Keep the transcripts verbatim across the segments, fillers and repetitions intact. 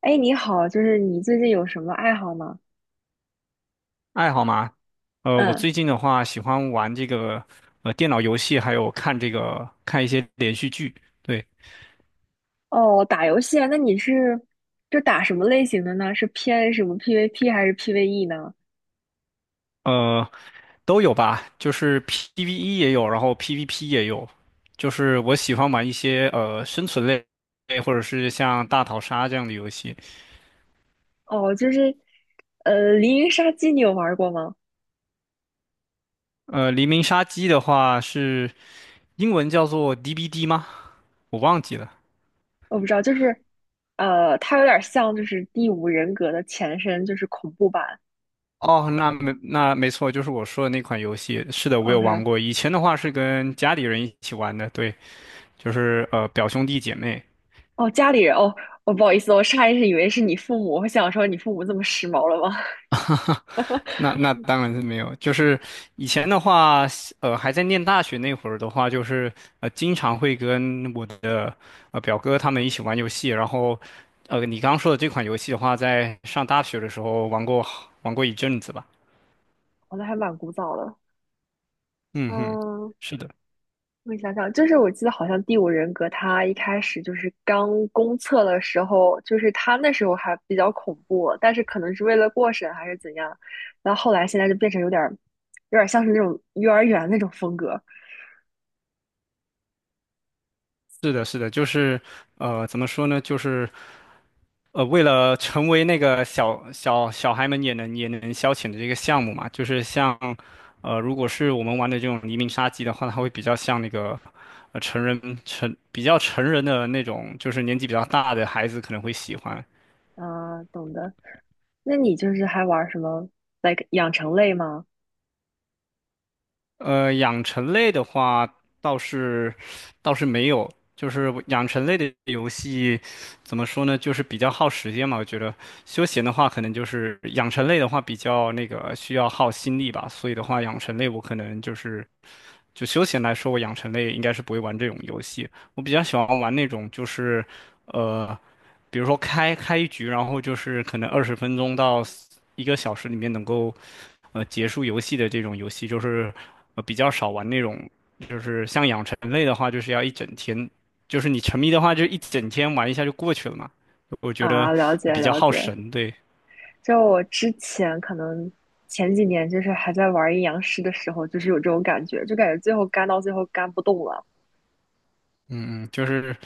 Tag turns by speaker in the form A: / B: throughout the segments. A: 哎，你好，就是你最近有什么爱好吗？
B: 爱好吗？呃，我
A: 嗯。
B: 最近的话喜欢玩这个呃电脑游戏，还有看这个看一些连续剧，对。
A: 哦，打游戏啊，那你是就打什么类型的呢？是偏什么 P V P 还是 P V E 呢？
B: 呃，都有吧，就是 P V E 也有，然后 P V P 也有，就是我喜欢玩一些呃生存类，或者是像大逃杀这样的游戏。
A: 哦，就是呃，《黎明杀机》你有玩过吗？
B: 呃，黎明杀机的话是英文叫做 D B D 吗？我忘记了。
A: 我不知道，就是呃，它有点像就是《第五人格》的前身，就是恐怖版。
B: 哦，那没那没错，就是我说的那款游戏。是的，我有
A: OK。
B: 玩过。以前的话是跟家里人一起玩的，对。就是呃表兄弟姐妹。
A: 哦，家里人，哦，我不好意思，我上意识以为是你父母，我想说你父母这么时髦了吗？
B: 那那当然是没有，就是以前的话，呃，还在念大学那会儿的话，就是呃，经常会跟我的呃表哥他们一起玩游戏，然后呃，你刚刚说的这款游戏的话，在上大学的时候玩过玩过一阵子吧。
A: 哦，那还蛮古早的。
B: 嗯哼。
A: 嗯，
B: 是的，
A: 我想想，就是我记得好像《第五人格》它一开始就是刚公测的时候，就是它那时候还比较恐怖，但是可能是为了过审还是怎样，然后后来现在就变成有点儿，有点像是那种幼儿园那种风格。
B: 是的，是的，就是呃，怎么说呢，就是呃，为了成为那个小小小孩们也能也能消遣的这个项目嘛，就是像，呃，如果是我们玩的这种黎明杀机的话，它会比较像那个，呃，成人成比较成人的那种，就是年纪比较大的孩子可能会喜欢。
A: 啊，懂的。那你就是还玩什么，like 养成类吗？
B: 呃，养成类的话倒是倒是没有，就是养成类的游戏怎么说呢，就是比较耗时间嘛。我觉得休闲的话，可能就是养成类的话比较那个需要耗心力吧，所以的话，养成类我可能就是就休闲来说，我养成类应该是不会玩这种游戏。我比较喜欢玩那种就是，呃，比如说开开一局，然后就是可能二十分钟到一个小时里面能够呃结束游戏的这种游戏，就是呃比较少玩那种。就是像养成类的话，就是要一整天，就是你沉迷的话，就一整天玩一下就过去了嘛。我觉得
A: 啊，了解
B: 比较
A: 了
B: 耗
A: 解。
B: 神，对。
A: 就我之前可能前几年就是还在玩阴阳师的时候，就是有这种感觉，就感觉最后干到最后干不动了。
B: 嗯，就是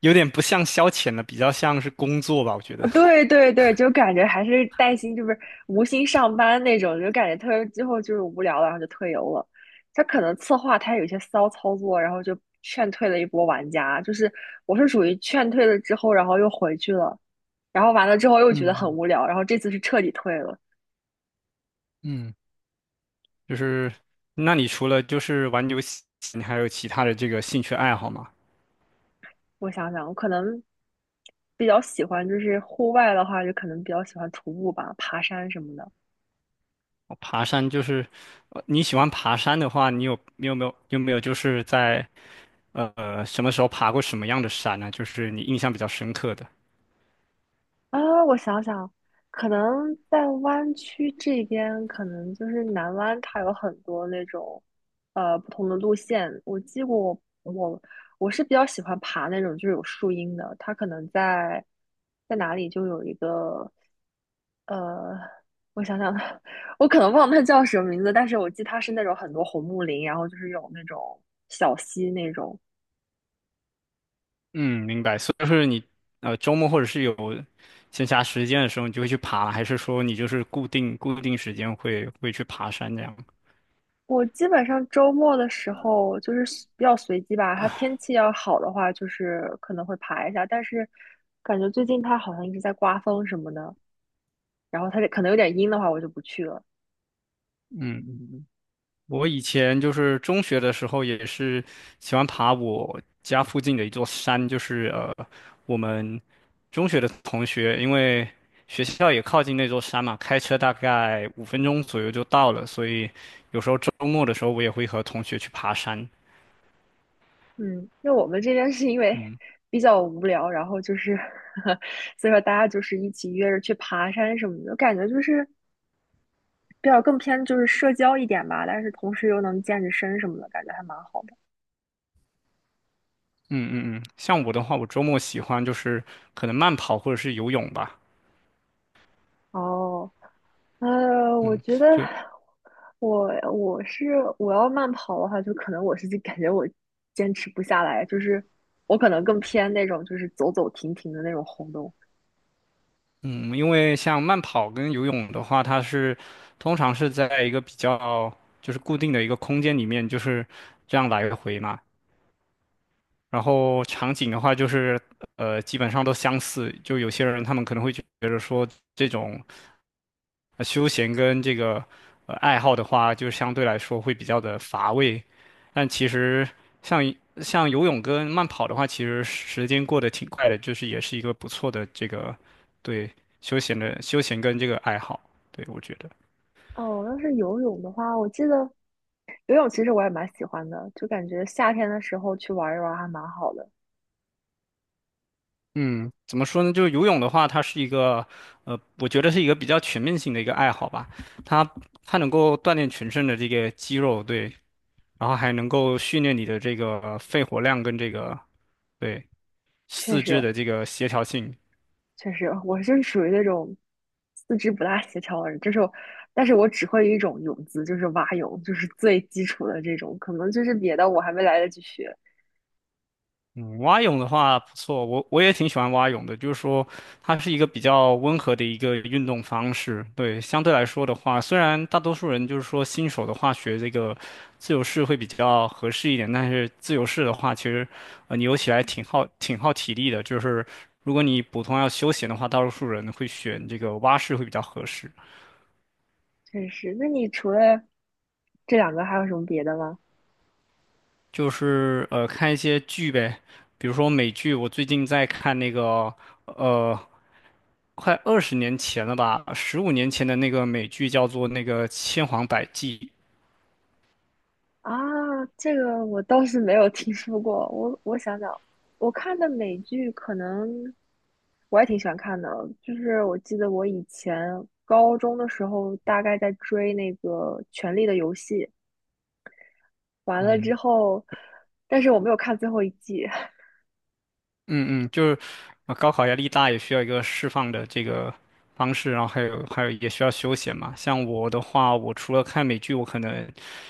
B: 有点不像消遣了，比较像是工作吧，我觉得。
A: 啊，对对对，就感觉还是带薪，就是无心上班那种，就感觉特别最后就是无聊了，然后就退游了。他可能策划他有一些骚操作，然后就劝退了一波玩家。就是我是属于劝退了之后，然后又回去了，然后完了之后又觉得很
B: 嗯
A: 无聊，然后这次是彻底退了。
B: 嗯。就是，那你除了就是玩游戏，你还有其他的这个兴趣爱好吗？
A: 我想想，我可能比较喜欢就是户外的话，就可能比较喜欢徒步吧，爬山什么的。
B: 哦，爬山就是，呃你喜欢爬山的话，你有你有没有有没有就是在呃什么时候爬过什么样的山呢？就是你印象比较深刻的。
A: 啊，我想想，可能在湾区这边，可能就是南湾，它有很多那种呃不同的路线。我记过我，我我是比较喜欢爬那种就是有树荫的，它可能在在哪里就有一个呃，我想想，我可能忘了它叫什么名字，但是我记它是那种很多红木林，然后就是有那种小溪那种。
B: 嗯，明白。所以就是你呃周末或者是有闲暇时间的时候，你就会去爬，还是说你就是固定固定时间会会去爬山这样？
A: 我基本上周末的时候就是随比较随机吧，它天气要好的话，就是可能会爬一下，但是感觉最近它好像一直在刮风什么的，然后它这可能有点阴的话，我就不去了。
B: 我以前就是中学的时候，也是喜欢爬我家附近的一座山，就是呃，我们中学的同学，因为学校也靠近那座山嘛，开车大概五分钟左右就到了，所以有时候周末的时候，我也会和同学去爬山。
A: 嗯，因为我们这边是因为
B: 嗯
A: 比较无聊，然后就是 所以说大家就是一起约着去爬山什么的，感觉就是比较更偏就是社交一点吧，但是同时又能健着身什么的，感觉还蛮好。的。
B: 嗯嗯嗯，像我的话，我周末喜欢就是可能慢跑或者是游泳吧。
A: 哦，呃，我
B: 嗯，
A: 觉得
B: 就
A: 我我是我要慢跑的话，就可能我是就感觉我坚持不下来，就是我可能更偏那种就是走走停停的那种活动。
B: 嗯，因为像慢跑跟游泳的话，它是通常是在一个比较就是固定的一个空间里面，就是这样来回嘛。然后场景的话，就是呃，基本上都相似。就有些人他们可能会觉得说，这种呃休闲跟这个呃爱好的话，就相对来说会比较的乏味。但其实像像游泳跟慢跑的话，其实时间过得挺快的，就是也是一个不错的这个对休闲的休闲跟这个爱好。对，我觉得。
A: 哦，要是游泳的话，我记得游泳其实我也蛮喜欢的，就感觉夏天的时候去玩一玩还蛮好的。
B: 嗯，怎么说呢？就是游泳的话，它是一个，呃，我觉得是一个比较全面性的一个爱好吧。它它能够锻炼全身的这个肌肉，对，然后还能够训练你的这个肺活量跟这个对
A: 确
B: 四肢
A: 实，
B: 的这个协调性。
A: 确实，我就是属于那种四肢不大协调的人，就是我，但是我只会一种泳姿，就是蛙泳，就是最基础的这种，可能就是别的我还没来得及学。
B: 嗯，蛙泳的话不错，我我也挺喜欢蛙泳的。就是说，它是一个比较温和的一个运动方式。对，相对来说的话，虽然大多数人就是说新手的话学这个自由式会比较合适一点，但是自由式的话，其实呃你游起来挺耗挺耗体力的。就是如果你普通要休闲的话，大多数人会选这个蛙式会比较合适。
A: 确实，那你除了这两个还有什么别的吗？
B: 就是呃看一些剧呗，比如说美剧，我最近在看那个呃快二十年前了吧，十五年前的那个美剧叫做那个《千谎百计》。
A: 啊，这个我倒是没有听说过。我我想想，我看的美剧可能我也挺喜欢看的，就是我记得我以前高中的时候大概在追那个《权力的游戏》。完了
B: 嗯。
A: 之后，但是我没有看最后一季。
B: 嗯嗯，就是呃高考压力大，也需要一个释放的这个方式，然后还有还有也需要休闲嘛。像我的话，我除了看美剧，我可能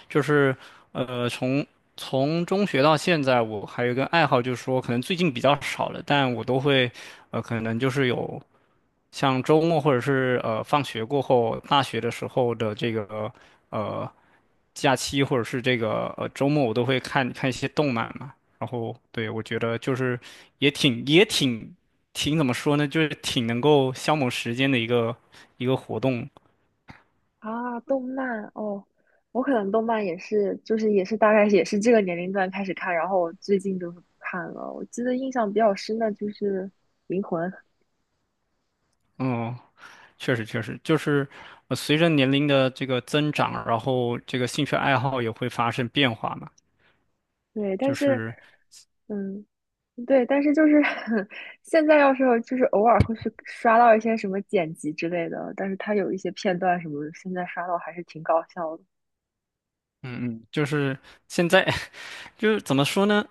B: 就是呃从从中学到现在，我还有一个爱好，就是说可能最近比较少了，但我都会呃可能就是有像周末或者是呃放学过后，大学的时候的这个呃假期或者是这个呃周末，我都会看看一些动漫嘛。然后对，我觉得就是也挺也挺挺怎么说呢，就是挺能够消磨时间的一个一个活动。
A: 啊。动漫哦，我可能动漫也是，就是也是大概也是这个年龄段开始看，然后我最近就是看了。我记得印象比较深的就是《灵魂》，
B: 嗯，确实确实，就是呃随着年龄的这个增长，然后这个兴趣爱好也会发生变化嘛。
A: 对，但
B: 就
A: 是
B: 是
A: 嗯，对，但是就是 现在要是就是偶尔会去刷到一些什么剪辑之类的，但是它有一些片段什么，现在刷到还是挺搞笑的。
B: 嗯嗯，就是现在 就是怎么说呢？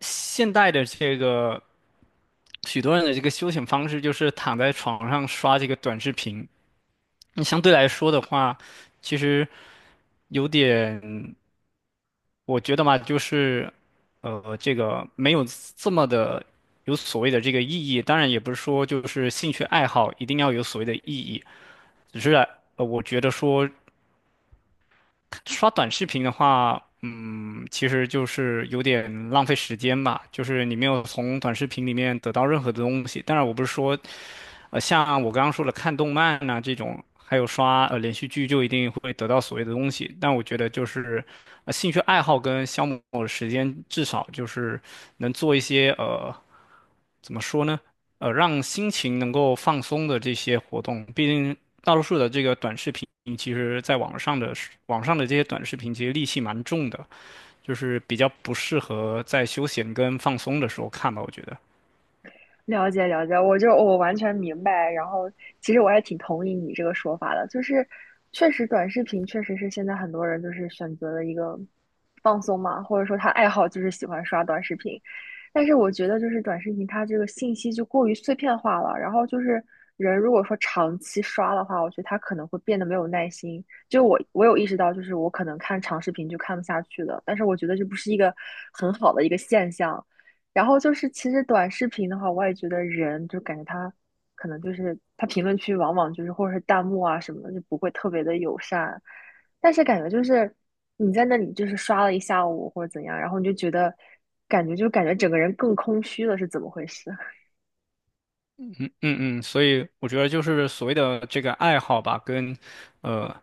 B: 现代的这个许多人的这个休闲方式就是躺在床上刷这个短视频。那相对来说的话，其实有点。我觉得嘛，就是，呃，这个没有这么的有所谓的这个意义。当然，也不是说就是兴趣爱好一定要有所谓的意义，只是呃，我觉得说刷短视频的话，嗯，其实就是有点浪费时间吧。就是你没有从短视频里面得到任何的东西。当然，我不是说呃，像我刚刚说的看动漫呐、这种，还有刷呃连续剧，就一定会得到所谓的东西。但我觉得就是，呃，兴趣爱好跟消磨的时间，至少就是能做一些呃，怎么说呢？呃，让心情能够放松的这些活动。毕竟大多数的这个短视频，其实在网上的是网上的这些短视频，其实戾气蛮重的，就是比较不适合在休闲跟放松的时候看吧，我觉得。
A: 了解了解，我就我完全明白。然后，其实我还挺同意你这个说法的，就是确实短视频确实是现在很多人就是选择的一个放松嘛，或者说他爱好就是喜欢刷短视频。但是我觉得就是短视频它这个信息就过于碎片化了，然后就是人如果说长期刷的话，我觉得他可能会变得没有耐心。就我我有意识到，就是我可能看长视频就看不下去了，但是我觉得这不是一个很好的一个现象。然后就是，其实短视频的话，我也觉得人就感觉他可能就是他评论区往往就是或者是弹幕啊什么的，就不会特别的友善。但是感觉就是你在那里就是刷了一下午或者怎样，然后你就觉得感觉就感觉整个人更空虚了，是怎么回事？
B: 嗯嗯，所以我觉得就是所谓的这个爱好吧，跟，呃，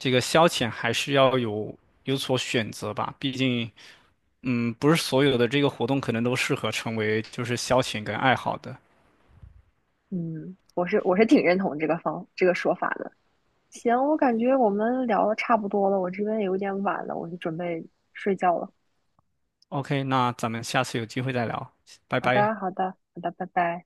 B: 这个消遣还是要有有所选择吧。毕竟，嗯，不是所有的这个活动可能都适合成为就是消遣跟爱好的。
A: 嗯，我是我是挺认同这个方这个说法的。行，我感觉我们聊的差不多了，我这边也有点晚了，我就准备睡觉了。
B: OK,那咱们下次有机会再聊，拜
A: 好
B: 拜。
A: 的，好的，好的，拜拜。